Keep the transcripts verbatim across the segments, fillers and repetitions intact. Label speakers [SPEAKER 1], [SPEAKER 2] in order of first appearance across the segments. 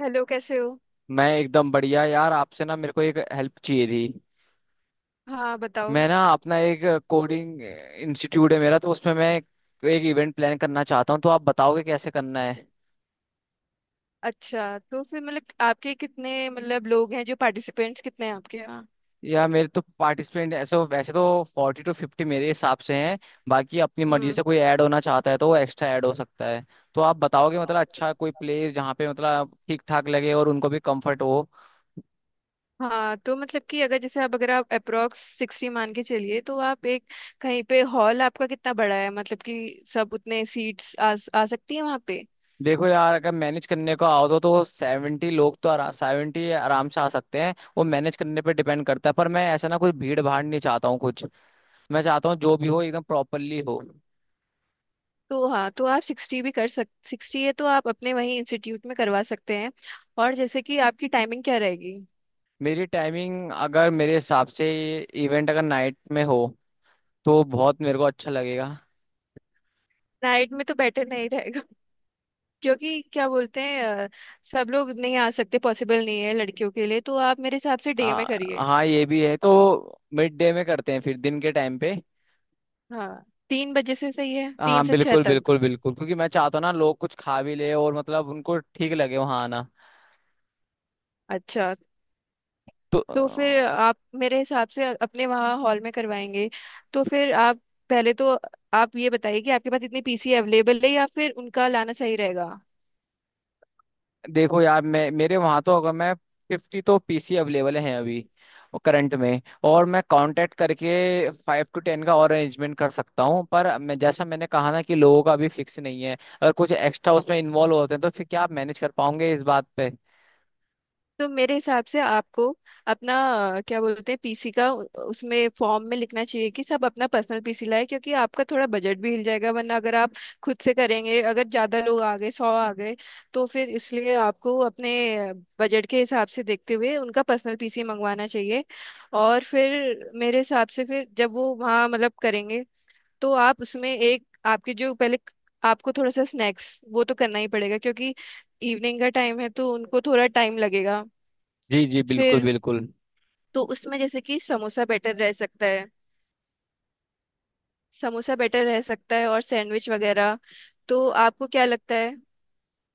[SPEAKER 1] Hello, कैसे हो।
[SPEAKER 2] मैं एकदम बढ़िया यार। आपसे ना मेरे को एक हेल्प चाहिए थी।
[SPEAKER 1] हाँ, बताओ।
[SPEAKER 2] मैं ना अपना एक कोडिंग इंस्टीट्यूट है मेरा, तो उसमें मैं एक इवेंट प्लान करना चाहता हूँ, तो आप बताओगे कैसे करना है।
[SPEAKER 1] अच्छा, तो फिर मतलब आपके कितने मतलब लोग हैं, जो पार्टिसिपेंट्स कितने हैं आपके यहाँ।
[SPEAKER 2] या मेरे तो पार्टिसिपेंट ऐसे तो, वैसे तो फोर्टी टू फिफ्टी मेरे हिसाब से हैं। बाकी अपनी मर्जी
[SPEAKER 1] हम्म।
[SPEAKER 2] से कोई ऐड होना चाहता है तो वो एक्स्ट्रा ऐड हो सकता है। तो आप बताओगे मतलब अच्छा कोई प्लेस जहाँ पे मतलब ठीक ठाक लगे और उनको भी कंफर्ट हो।
[SPEAKER 1] हाँ, तो मतलब कि अगर जैसे आप अगर आप अप्रोक्स सिक्सटी मान के चलिए, तो आप एक कहीं पे हॉल आपका कितना बड़ा है, मतलब कि सब उतने सीट्स आ, आ सकती है वहाँ पे।
[SPEAKER 2] देखो यार, अगर मैनेज करने को आओ तो तो सेवेंटी लोग तो आरा, सेवेंटी आराम से आ सकते हैं, वो मैनेज करने पे डिपेंड करता है। पर मैं ऐसा ना कोई भीड़ भाड़ नहीं चाहता हूँ कुछ। मैं चाहता हूँ जो भी हो एकदम प्रॉपरली हो।
[SPEAKER 1] तो हाँ, तो आप सिक्सटी भी कर सक सिक्सटी है तो आप अपने वहीं इंस्टीट्यूट में करवा सकते हैं। और जैसे कि आपकी टाइमिंग क्या रहेगी।
[SPEAKER 2] मेरी टाइमिंग अगर मेरे हिसाब से, इवेंट अगर नाइट में हो तो बहुत मेरे को अच्छा लगेगा।
[SPEAKER 1] नाइट में तो बेटर नहीं, क्योंकि क्या बोलते हैं अ, सब लोग नहीं आ सकते, पॉसिबल नहीं है लड़कियों के लिए, तो आप मेरे हिसाब से डे
[SPEAKER 2] आ,
[SPEAKER 1] में करिए।
[SPEAKER 2] हाँ ये भी है, तो मिड डे में करते हैं फिर, दिन के टाइम पे।
[SPEAKER 1] हाँ, तीन बजे से सही है, तीन
[SPEAKER 2] हाँ
[SPEAKER 1] से छह
[SPEAKER 2] बिल्कुल
[SPEAKER 1] तक।
[SPEAKER 2] बिल्कुल बिल्कुल, क्योंकि मैं चाहता हूँ ना लोग कुछ खा भी ले और मतलब उनको ठीक लगे वहाँ आना।
[SPEAKER 1] अच्छा,
[SPEAKER 2] तो
[SPEAKER 1] तो फिर आप मेरे हिसाब से अपने वहाँ हॉल में करवाएंगे। तो फिर आप पहले तो आप ये बताइए कि आपके पास इतनी पीसी अवेलेबल है, या फिर उनका लाना सही रहेगा।
[SPEAKER 2] देखो यार, मैं मेरे वहां तो अगर मैं फिफ्टी तो पीसी अवेलेबल हैं अभी, करंट में, और मैं कांटेक्ट करके फाइव टू टेन का और अरेंजमेंट कर सकता हूँ। पर मैं जैसा मैंने कहा ना कि लोगों का अभी फिक्स नहीं है। अगर कुछ एक्स्ट्रा उसमें इन्वॉल्व होते हैं तो फिर क्या आप मैनेज कर पाओगे इस बात पे?
[SPEAKER 1] तो मेरे हिसाब से आपको अपना अ, क्या बोलते हैं पीसी का उ- उसमें फॉर्म में लिखना चाहिए कि सब अपना पर्सनल पीसी लाए, क्योंकि आपका थोड़ा बजट भी हिल जाएगा, वरना अगर आप खुद से करेंगे, अगर ज्यादा लोग आ गए, सौ आ गए, तो फिर इसलिए आपको अपने बजट के हिसाब से देखते हुए उनका पर्सनल पीसी मंगवाना चाहिए। और फिर मेरे हिसाब से फिर जब वो वहाँ मतलब करेंगे, तो आप उसमें एक आपके जो पहले आपको थोड़ा सा स्नैक्स वो तो करना ही पड़ेगा, क्योंकि इवनिंग का टाइम है, तो उनको थोड़ा टाइम लगेगा।
[SPEAKER 2] जी जी बिल्कुल
[SPEAKER 1] फिर
[SPEAKER 2] बिल्कुल।
[SPEAKER 1] तो उसमें जैसे कि समोसा बेटर रह सकता है, समोसा बेटर रह सकता है और सैंडविच वगैरह। तो आपको क्या लगता है।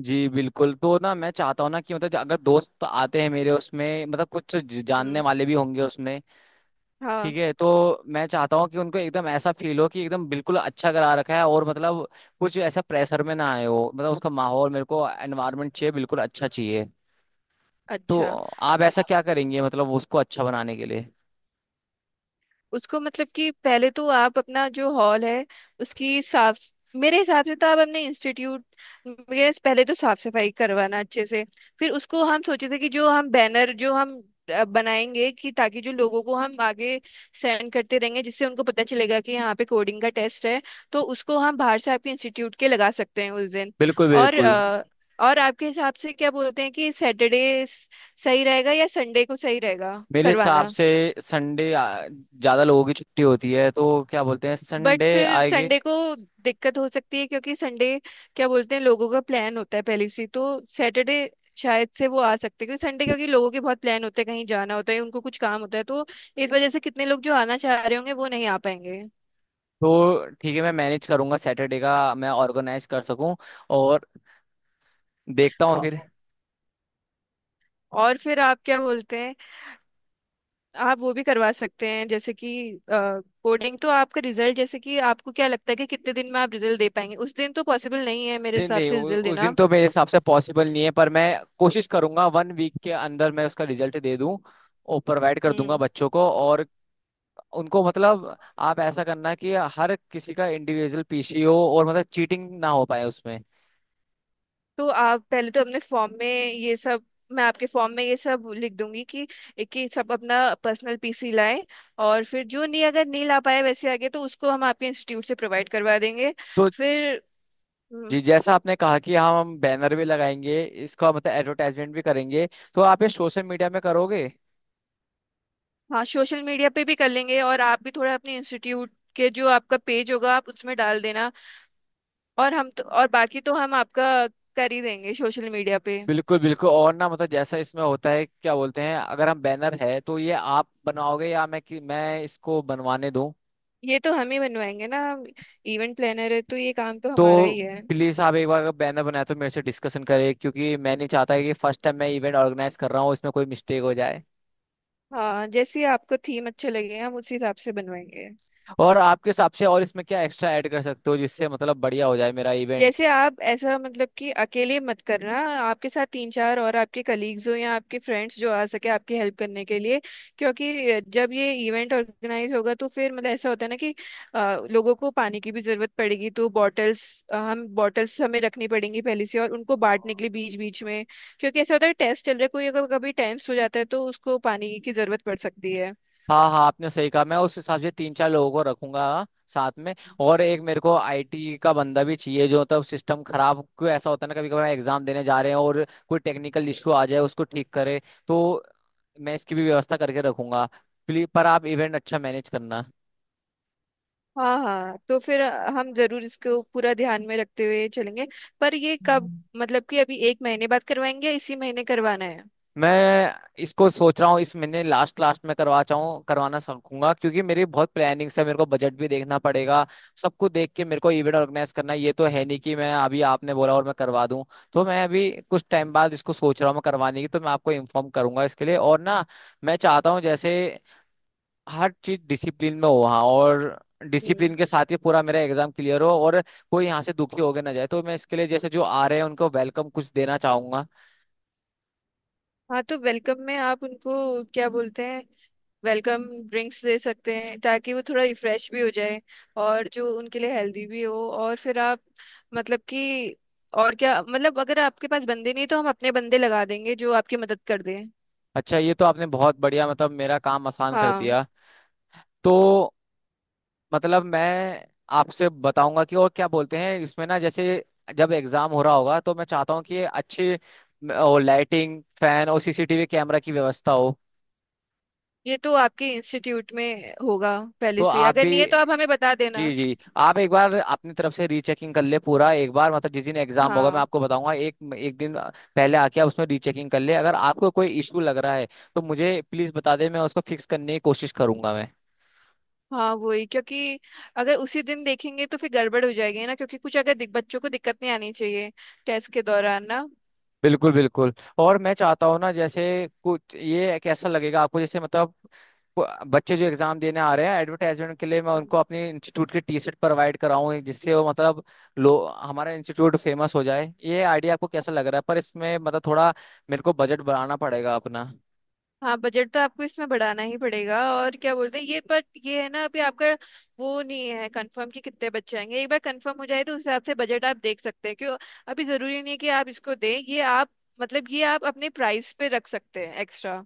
[SPEAKER 2] जी बिल्कुल। तो ना मैं चाहता हूँ ना कि मतलब अगर दोस्त तो आते हैं मेरे उसमें, मतलब कुछ ज- जानने
[SPEAKER 1] हम्म।
[SPEAKER 2] वाले भी होंगे उसमें।
[SPEAKER 1] हाँ।
[SPEAKER 2] ठीक है, तो मैं चाहता हूँ कि उनको एकदम ऐसा फील हो कि एकदम बिल्कुल अच्छा करा रखा है और मतलब कुछ ऐसा प्रेशर में ना आए हो, मतलब उसका माहौल मेरे को एनवायरनमेंट चाहिए बिल्कुल अच्छा चाहिए। तो
[SPEAKER 1] अच्छा,
[SPEAKER 2] आप ऐसा क्या करेंगे मतलब उसको अच्छा बनाने के लिए?
[SPEAKER 1] उसको मतलब कि पहले तो आप अपना जो हॉल है उसकी साफ, मेरे हिसाब से तो आप अपने इंस्टीट्यूट में पहले तो साफ सफाई करवाना अच्छे से। फिर उसको हम सोचे थे कि जो हम बैनर जो हम अ, बनाएंगे कि ताकि जो लोगों को हम आगे सेंड करते रहेंगे, जिससे उनको पता चलेगा कि यहाँ पे कोडिंग का टेस्ट है, तो उसको हम बाहर से आपके इंस्टीट्यूट के लगा सकते हैं उस दिन।
[SPEAKER 2] बिल्कुल
[SPEAKER 1] और
[SPEAKER 2] बिल्कुल।
[SPEAKER 1] अ, और आपके हिसाब से क्या बोलते हैं कि सैटरडे सही रहेगा, या संडे को सही रहेगा
[SPEAKER 2] मेरे हिसाब
[SPEAKER 1] करवाना।
[SPEAKER 2] से संडे ज़्यादा लोगों की छुट्टी होती है, तो क्या बोलते हैं
[SPEAKER 1] बट
[SPEAKER 2] संडे
[SPEAKER 1] फिर
[SPEAKER 2] आएगी।
[SPEAKER 1] संडे को दिक्कत हो सकती है, क्योंकि संडे क्या बोलते हैं लोगों का प्लान होता है पहले से ही, तो सैटरडे शायद से वो आ सकते हैं, क्योंकि संडे, क्योंकि लोगों के बहुत प्लान होते हैं, कहीं जाना होता है, उनको कुछ काम होता है, तो इस वजह से कितने लोग जो आना चाह रहे होंगे वो नहीं आ पाएंगे।
[SPEAKER 2] तो ठीक है, मैं मैनेज करूंगा सैटरडे का मैं ऑर्गेनाइज कर सकूं, और देखता हूँ
[SPEAKER 1] औ-
[SPEAKER 2] फिर।
[SPEAKER 1] और फिर आप क्या बोलते हैं, आप वो भी करवा सकते हैं जैसे कि कोडिंग तो आपका रिजल्ट, जैसे कि आपको क्या लगता है कि कितने दिन में आप रिजल्ट दे पाएंगे। उस दिन तो पॉसिबल नहीं है मेरे
[SPEAKER 2] नहीं
[SPEAKER 1] हिसाब
[SPEAKER 2] नहीं,
[SPEAKER 1] से
[SPEAKER 2] उ,
[SPEAKER 1] रिजल्ट
[SPEAKER 2] उस
[SPEAKER 1] देना।
[SPEAKER 2] दिन तो मेरे हिसाब से पॉसिबल नहीं है, पर मैं कोशिश करूंगा वन वीक के अंदर मैं उसका रिजल्ट दे दूं और प्रोवाइड कर दूंगा
[SPEAKER 1] हम्म।
[SPEAKER 2] बच्चों को। और उनको मतलब आप ऐसा करना कि हर किसी का इंडिविजुअल पीसी हो और मतलब चीटिंग ना हो पाए उसमें।
[SPEAKER 1] तो आप पहले तो अपने फॉर्म में ये सब, मैं आपके फॉर्म में ये सब लिख दूंगी कि एक एक सब अपना पर्सनल पीसी लाएं। और फिर जो नहीं, अगर नहीं ला पाए वैसे आगे, तो उसको हम आपके इंस्टीट्यूट से प्रोवाइड करवा देंगे
[SPEAKER 2] तो
[SPEAKER 1] फिर। हम्म।
[SPEAKER 2] जि- जैसा आपने कहा कि हाँ हम बैनर भी लगाएंगे, इसका मतलब एडवर्टाइजमेंट भी करेंगे। तो आप ये सोशल मीडिया में करोगे?
[SPEAKER 1] हाँ, सोशल मीडिया पे भी कर लेंगे, और आप भी थोड़ा अपने इंस्टीट्यूट के जो आपका पेज होगा आप उसमें डाल देना, और हम तो और बाकी तो हम आपका कर ही देंगे सोशल मीडिया पे।
[SPEAKER 2] बिल्कुल बिल्कुल। और ना मतलब जैसा इसमें होता है क्या बोलते हैं अगर हम बैनर है, तो ये आप बनाओगे या मैं कि मैं इसको बनवाने दूं?
[SPEAKER 1] ये तो हम ही बनवाएंगे ना, इवेंट प्लानर है तो ये काम तो हमारा
[SPEAKER 2] तो
[SPEAKER 1] ही है।
[SPEAKER 2] प्लीज आप एक बार अगर बैनर बनाए तो मेरे से डिस्कशन करें, क्योंकि मैं नहीं चाहता कि फर्स्ट टाइम मैं इवेंट ऑर्गेनाइज कर रहा हूँ इसमें कोई मिस्टेक हो जाए।
[SPEAKER 1] हाँ, जैसे आपको थीम अच्छे लगे हम उसी हिसाब से बनवाएंगे।
[SPEAKER 2] और आपके हिसाब से और इसमें क्या एक्स्ट्रा ऐड कर सकते हो जिससे मतलब बढ़िया हो जाए मेरा इवेंट?
[SPEAKER 1] जैसे आप ऐसा मतलब कि अकेले मत करना, आपके साथ तीन चार और आपके कलीग्स हो या आपके फ्रेंड्स जो आ सके आपकी हेल्प करने के लिए। क्योंकि जब ये इवेंट ऑर्गेनाइज होगा, तो फिर मतलब ऐसा होता है ना कि आ, लोगों को पानी की भी जरूरत पड़ेगी, तो बॉटल्स हम बॉटल्स हमें रखनी पड़ेंगी पहले से, और उनको बांटने के लिए बीच बीच में। क्योंकि ऐसा होता है टेस्ट चल रहा है, कोई अगर कभी टेंस हो जाता है तो उसको पानी की जरूरत पड़ सकती है।
[SPEAKER 2] हाँ हाँ आपने सही कहा, मैं उस हिसाब से तीन चार लोगों को रखूंगा साथ में। और एक मेरे को आईटी का बंदा भी चाहिए जो तब सिस्टम खराब, क्यों ऐसा होता है ना कभी कभार एग्जाम देने जा रहे हैं और कोई टेक्निकल इशू आ जाए, उसको ठीक करे। तो मैं इसकी भी व्यवस्था करके रखूंगा। प्लीज पर आप इवेंट अच्छा मैनेज करना।
[SPEAKER 1] हाँ हाँ, तो फिर हम जरूर इसको पूरा ध्यान में रखते हुए चलेंगे। पर ये कब, मतलब कि अभी एक महीने बाद करवाएंगे, या इसी महीने करवाना है।
[SPEAKER 2] मैं इसको सोच रहा हूँ इस महीने लास्ट लास्ट में करवा चाहूँ करवाना सकूंगा, क्योंकि मेरी बहुत प्लानिंग्स है, मेरे को बजट भी देखना पड़ेगा। सबको देख के मेरे को इवेंट ऑर्गेनाइज करना है, ये तो है नहीं कि मैं अभी आपने बोला और मैं करवा दूँ। तो मैं अभी कुछ टाइम बाद इसको सोच रहा हूँ मैं करवाने की, तो मैं आपको इन्फॉर्म करूंगा इसके लिए। और ना मैं चाहता हूँ जैसे हर चीज डिसिप्लिन में हो वहाँ, और
[SPEAKER 1] हम्म।
[SPEAKER 2] डिसिप्लिन के साथ ही पूरा मेरा एग्जाम क्लियर हो, और कोई यहाँ से दुखी होके ना जाए। तो मैं इसके लिए जैसे जो आ रहे हैं उनको वेलकम कुछ देना चाहूंगा।
[SPEAKER 1] हाँ, तो वेलकम में आप उनको क्या बोलते हैं वेलकम ड्रिंक्स दे सकते हैं, ताकि वो थोड़ा रिफ्रेश भी हो जाए और जो उनके लिए हेल्दी भी हो। और फिर आप, मतलब कि और क्या, मतलब अगर आपके पास बंदे नहीं तो हम अपने बंदे लगा देंगे जो आपकी मदद कर दें।
[SPEAKER 2] अच्छा, ये तो आपने बहुत बढ़िया मतलब मेरा काम आसान कर
[SPEAKER 1] हाँ,
[SPEAKER 2] दिया। तो मतलब मैं आपसे बताऊंगा कि और क्या बोलते हैं इसमें ना, जैसे जब एग्जाम हो रहा होगा तो मैं चाहता हूँ कि अच्छी और लाइटिंग फैन और सीसीटीवी कैमरा की व्यवस्था हो।
[SPEAKER 1] ये तो आपके इंस्टीट्यूट में होगा
[SPEAKER 2] तो
[SPEAKER 1] पहले से,
[SPEAKER 2] आप
[SPEAKER 1] अगर
[SPEAKER 2] भी,
[SPEAKER 1] नहीं है तो आप हमें बता देना।
[SPEAKER 2] जी जी, आप एक बार अपनी तरफ से रीचेकिंग कर ले पूरा, एक बार मतलब जिस दिन एग्जाम होगा मैं
[SPEAKER 1] हाँ
[SPEAKER 2] आपको बताऊंगा एक एक दिन पहले आके आप उसमें रीचेकिंग कर ले। अगर आपको कोई इशू लग रहा है, तो मुझे प्लीज बता दे मैं उसको फिक्स करने की कोशिश करूंगा मैं।
[SPEAKER 1] हाँ, वही, क्योंकि अगर उसी दिन देखेंगे तो फिर गड़बड़ हो जाएगी ना, क्योंकि कुछ अगर दिक, बच्चों को दिक्कत नहीं आनी चाहिए टेस्ट के दौरान ना।
[SPEAKER 2] बिल्कुल बिल्कुल। और मैं चाहता हूँ ना जैसे कुछ, ये कैसा लगेगा आपको जैसे मतलब ब- बच्चे जो एग्जाम देने आ रहे हैं, एडवर्टाइजमेंट के लिए मैं
[SPEAKER 1] हम्म।
[SPEAKER 2] उनको अपने इंस्टीट्यूट की टी शर्ट प्रोवाइड कराऊँ जिससे वो मतलब लो हमारा इंस्टीट्यूट फेमस हो जाए, ये आइडिया आपको कैसा लग रहा है? पर इसमें मतलब थोड़ा मेरे को बजट बढ़ाना पड़ेगा अपना।
[SPEAKER 1] हाँ, बजट तो आपको इसमें बढ़ाना ही पड़ेगा, और क्या बोलते हैं ये, बट ये है ना अभी आपका वो नहीं है कंफर्म कि कितने बच्चे आएंगे। एक बार कंफर्म हो जाए तो उस हिसाब से बजट आप देख सकते हैं क्यों। अभी जरूरी नहीं है कि आप इसको दें ये आप, मतलब ये आप अपने प्राइस पे रख सकते हैं एक्स्ट्रा।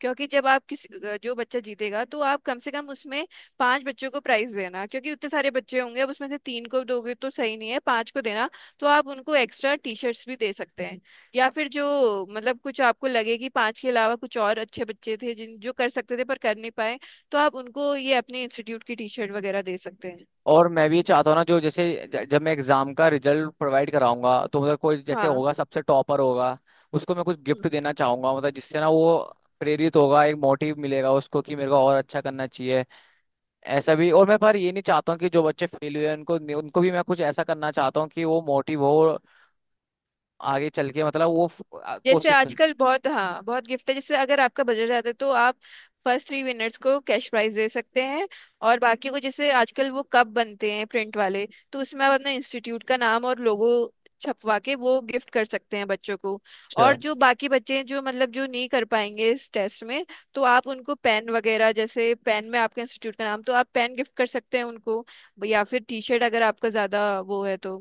[SPEAKER 1] क्योंकि जब आप किसी जो बच्चा जीतेगा तो आप कम से कम उसमें पांच बच्चों को प्राइज देना, क्योंकि उतने सारे बच्चे होंगे, अब उसमें से तीन को दोगे तो सही नहीं है, पांच को देना। तो आप उनको एक्स्ट्रा टी शर्ट्स भी दे सकते हैं, या फिर जो मतलब कुछ आपको लगे कि पांच के अलावा कुछ और अच्छे बच्चे थे जिन जो कर सकते थे पर कर नहीं पाए, तो आप उनको ये अपने इंस्टीट्यूट की टी शर्ट वगैरह दे सकते हैं।
[SPEAKER 2] और मैं भी ये चाहता हूँ ना जो जैसे ज- जब मैं एग्जाम का रिजल्ट प्रोवाइड कराऊंगा, तो मतलब कोई जैसे
[SPEAKER 1] हाँ,
[SPEAKER 2] होगा सबसे टॉपर होगा, उसको मैं कुछ गिफ्ट देना चाहूंगा, मतलब जिससे ना वो प्रेरित होगा, एक मोटिव मिलेगा उसको कि मेरे को और अच्छा करना चाहिए ऐसा भी। और मैं पर ये नहीं चाहता हूँ कि जो बच्चे फेल हुए हैं, उनको उनको भी मैं कुछ ऐसा करना चाहता हूँ कि वो मोटिव हो और आगे चल के मतलब वो फ- आ-
[SPEAKER 1] जैसे
[SPEAKER 2] कोशिश
[SPEAKER 1] आजकल बहुत, हाँ बहुत गिफ्ट है, जैसे अगर आपका बजट जाता है तो आप फर्स्ट थ्री विनर्स को कैश प्राइज दे सकते हैं, और बाकी को जैसे आजकल वो कप बनते हैं प्रिंट वाले, तो उसमें आप अपना इंस्टीट्यूट का नाम और लोगो छपवा के वो गिफ्ट कर सकते हैं बच्चों को। और
[SPEAKER 2] कर।
[SPEAKER 1] जो बाकी बच्चे हैं जो मतलब जो नहीं कर पाएंगे इस टेस्ट में, तो आप उनको पेन वगैरह, जैसे पेन में आपके इंस्टीट्यूट का नाम, तो आप पेन गिफ्ट कर सकते हैं उनको, या फिर टी शर्ट अगर आपका ज़्यादा वो है तो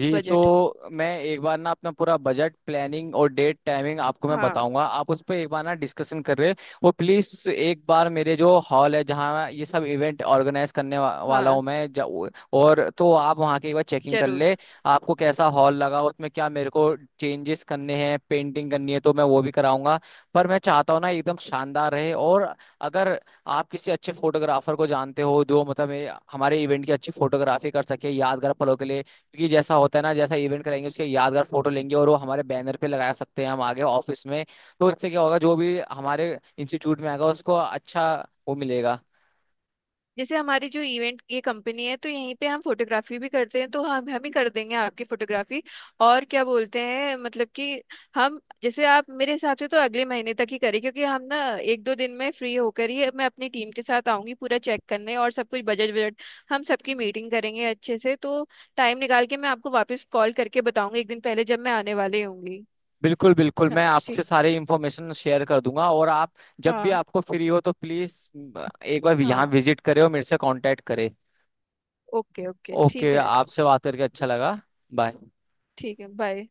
[SPEAKER 2] जी,
[SPEAKER 1] बजट।
[SPEAKER 2] तो मैं एक बार ना अपना पूरा बजट प्लानिंग और डेट टाइमिंग आपको मैं
[SPEAKER 1] हाँ
[SPEAKER 2] बताऊंगा, आप उस पर एक बार ना डिस्कशन कर रहे। वो प्लीज एक बार मेरे जो हॉल है जहाँ ये सब इवेंट ऑर्गेनाइज करने वा, वाला
[SPEAKER 1] हाँ,
[SPEAKER 2] हूँ मैं जा- और तो आप वहाँ की एक बार चेकिंग कर
[SPEAKER 1] जरूर।
[SPEAKER 2] ले। आपको कैसा हॉल लगा उसमें क्या मेरे को चेंजेस करने हैं पेंटिंग करनी है तो मैं वो भी कराऊंगा। पर मैं चाहता हूँ ना एकदम शानदार रहे, और अगर आप किसी अच्छे फोटोग्राफर को जानते हो जो मतलब ये हमारे इवेंट की अच्छी फोटोग्राफी कर सके यादगार पलों के लिए, क्योंकि जैसा होता है ना जैसा इवेंट कराएंगे उसके यादगार फोटो लेंगे और वो हमारे बैनर पे लगा सकते हैं हम आगे ऑफिस में। तो इससे क्या होगा, जो भी हमारे इंस्टीट्यूट में आएगा उसको अच्छा वो मिलेगा।
[SPEAKER 1] जैसे हमारी जो इवेंट ये कंपनी है, तो यहीं पे हम फोटोग्राफी भी करते हैं, तो हम हम ही कर देंगे आपकी फोटोग्राफी। और क्या बोलते हैं मतलब कि हम जैसे आप मेरे साथ हो तो अगले महीने तक ही करें, क्योंकि हम ना एक दो दिन में फ्री होकर ही मैं अपनी टीम के साथ आऊंगी पूरा चेक करने और सब कुछ, बजट बजट हम सबकी मीटिंग करेंगे अच्छे से, तो टाइम निकाल के मैं आपको वापस कॉल करके बताऊंगी एक दिन पहले जब मैं आने वाली होंगी।
[SPEAKER 2] बिल्कुल बिल्कुल,
[SPEAKER 1] अच्छा,
[SPEAKER 2] मैं आपसे
[SPEAKER 1] ठीक।
[SPEAKER 2] सारी इंफॉर्मेशन शेयर कर दूंगा। और आप जब भी
[SPEAKER 1] हाँ
[SPEAKER 2] आपको फ्री हो तो प्लीज एक बार यहाँ
[SPEAKER 1] हाँ।
[SPEAKER 2] विजिट करें और मेरे से कांटेक्ट करें।
[SPEAKER 1] ओके ओके, ठीक
[SPEAKER 2] ओके,
[SPEAKER 1] है।
[SPEAKER 2] आपसे बात करके अच्छा लगा। बाय।
[SPEAKER 1] ठीक है, बाय।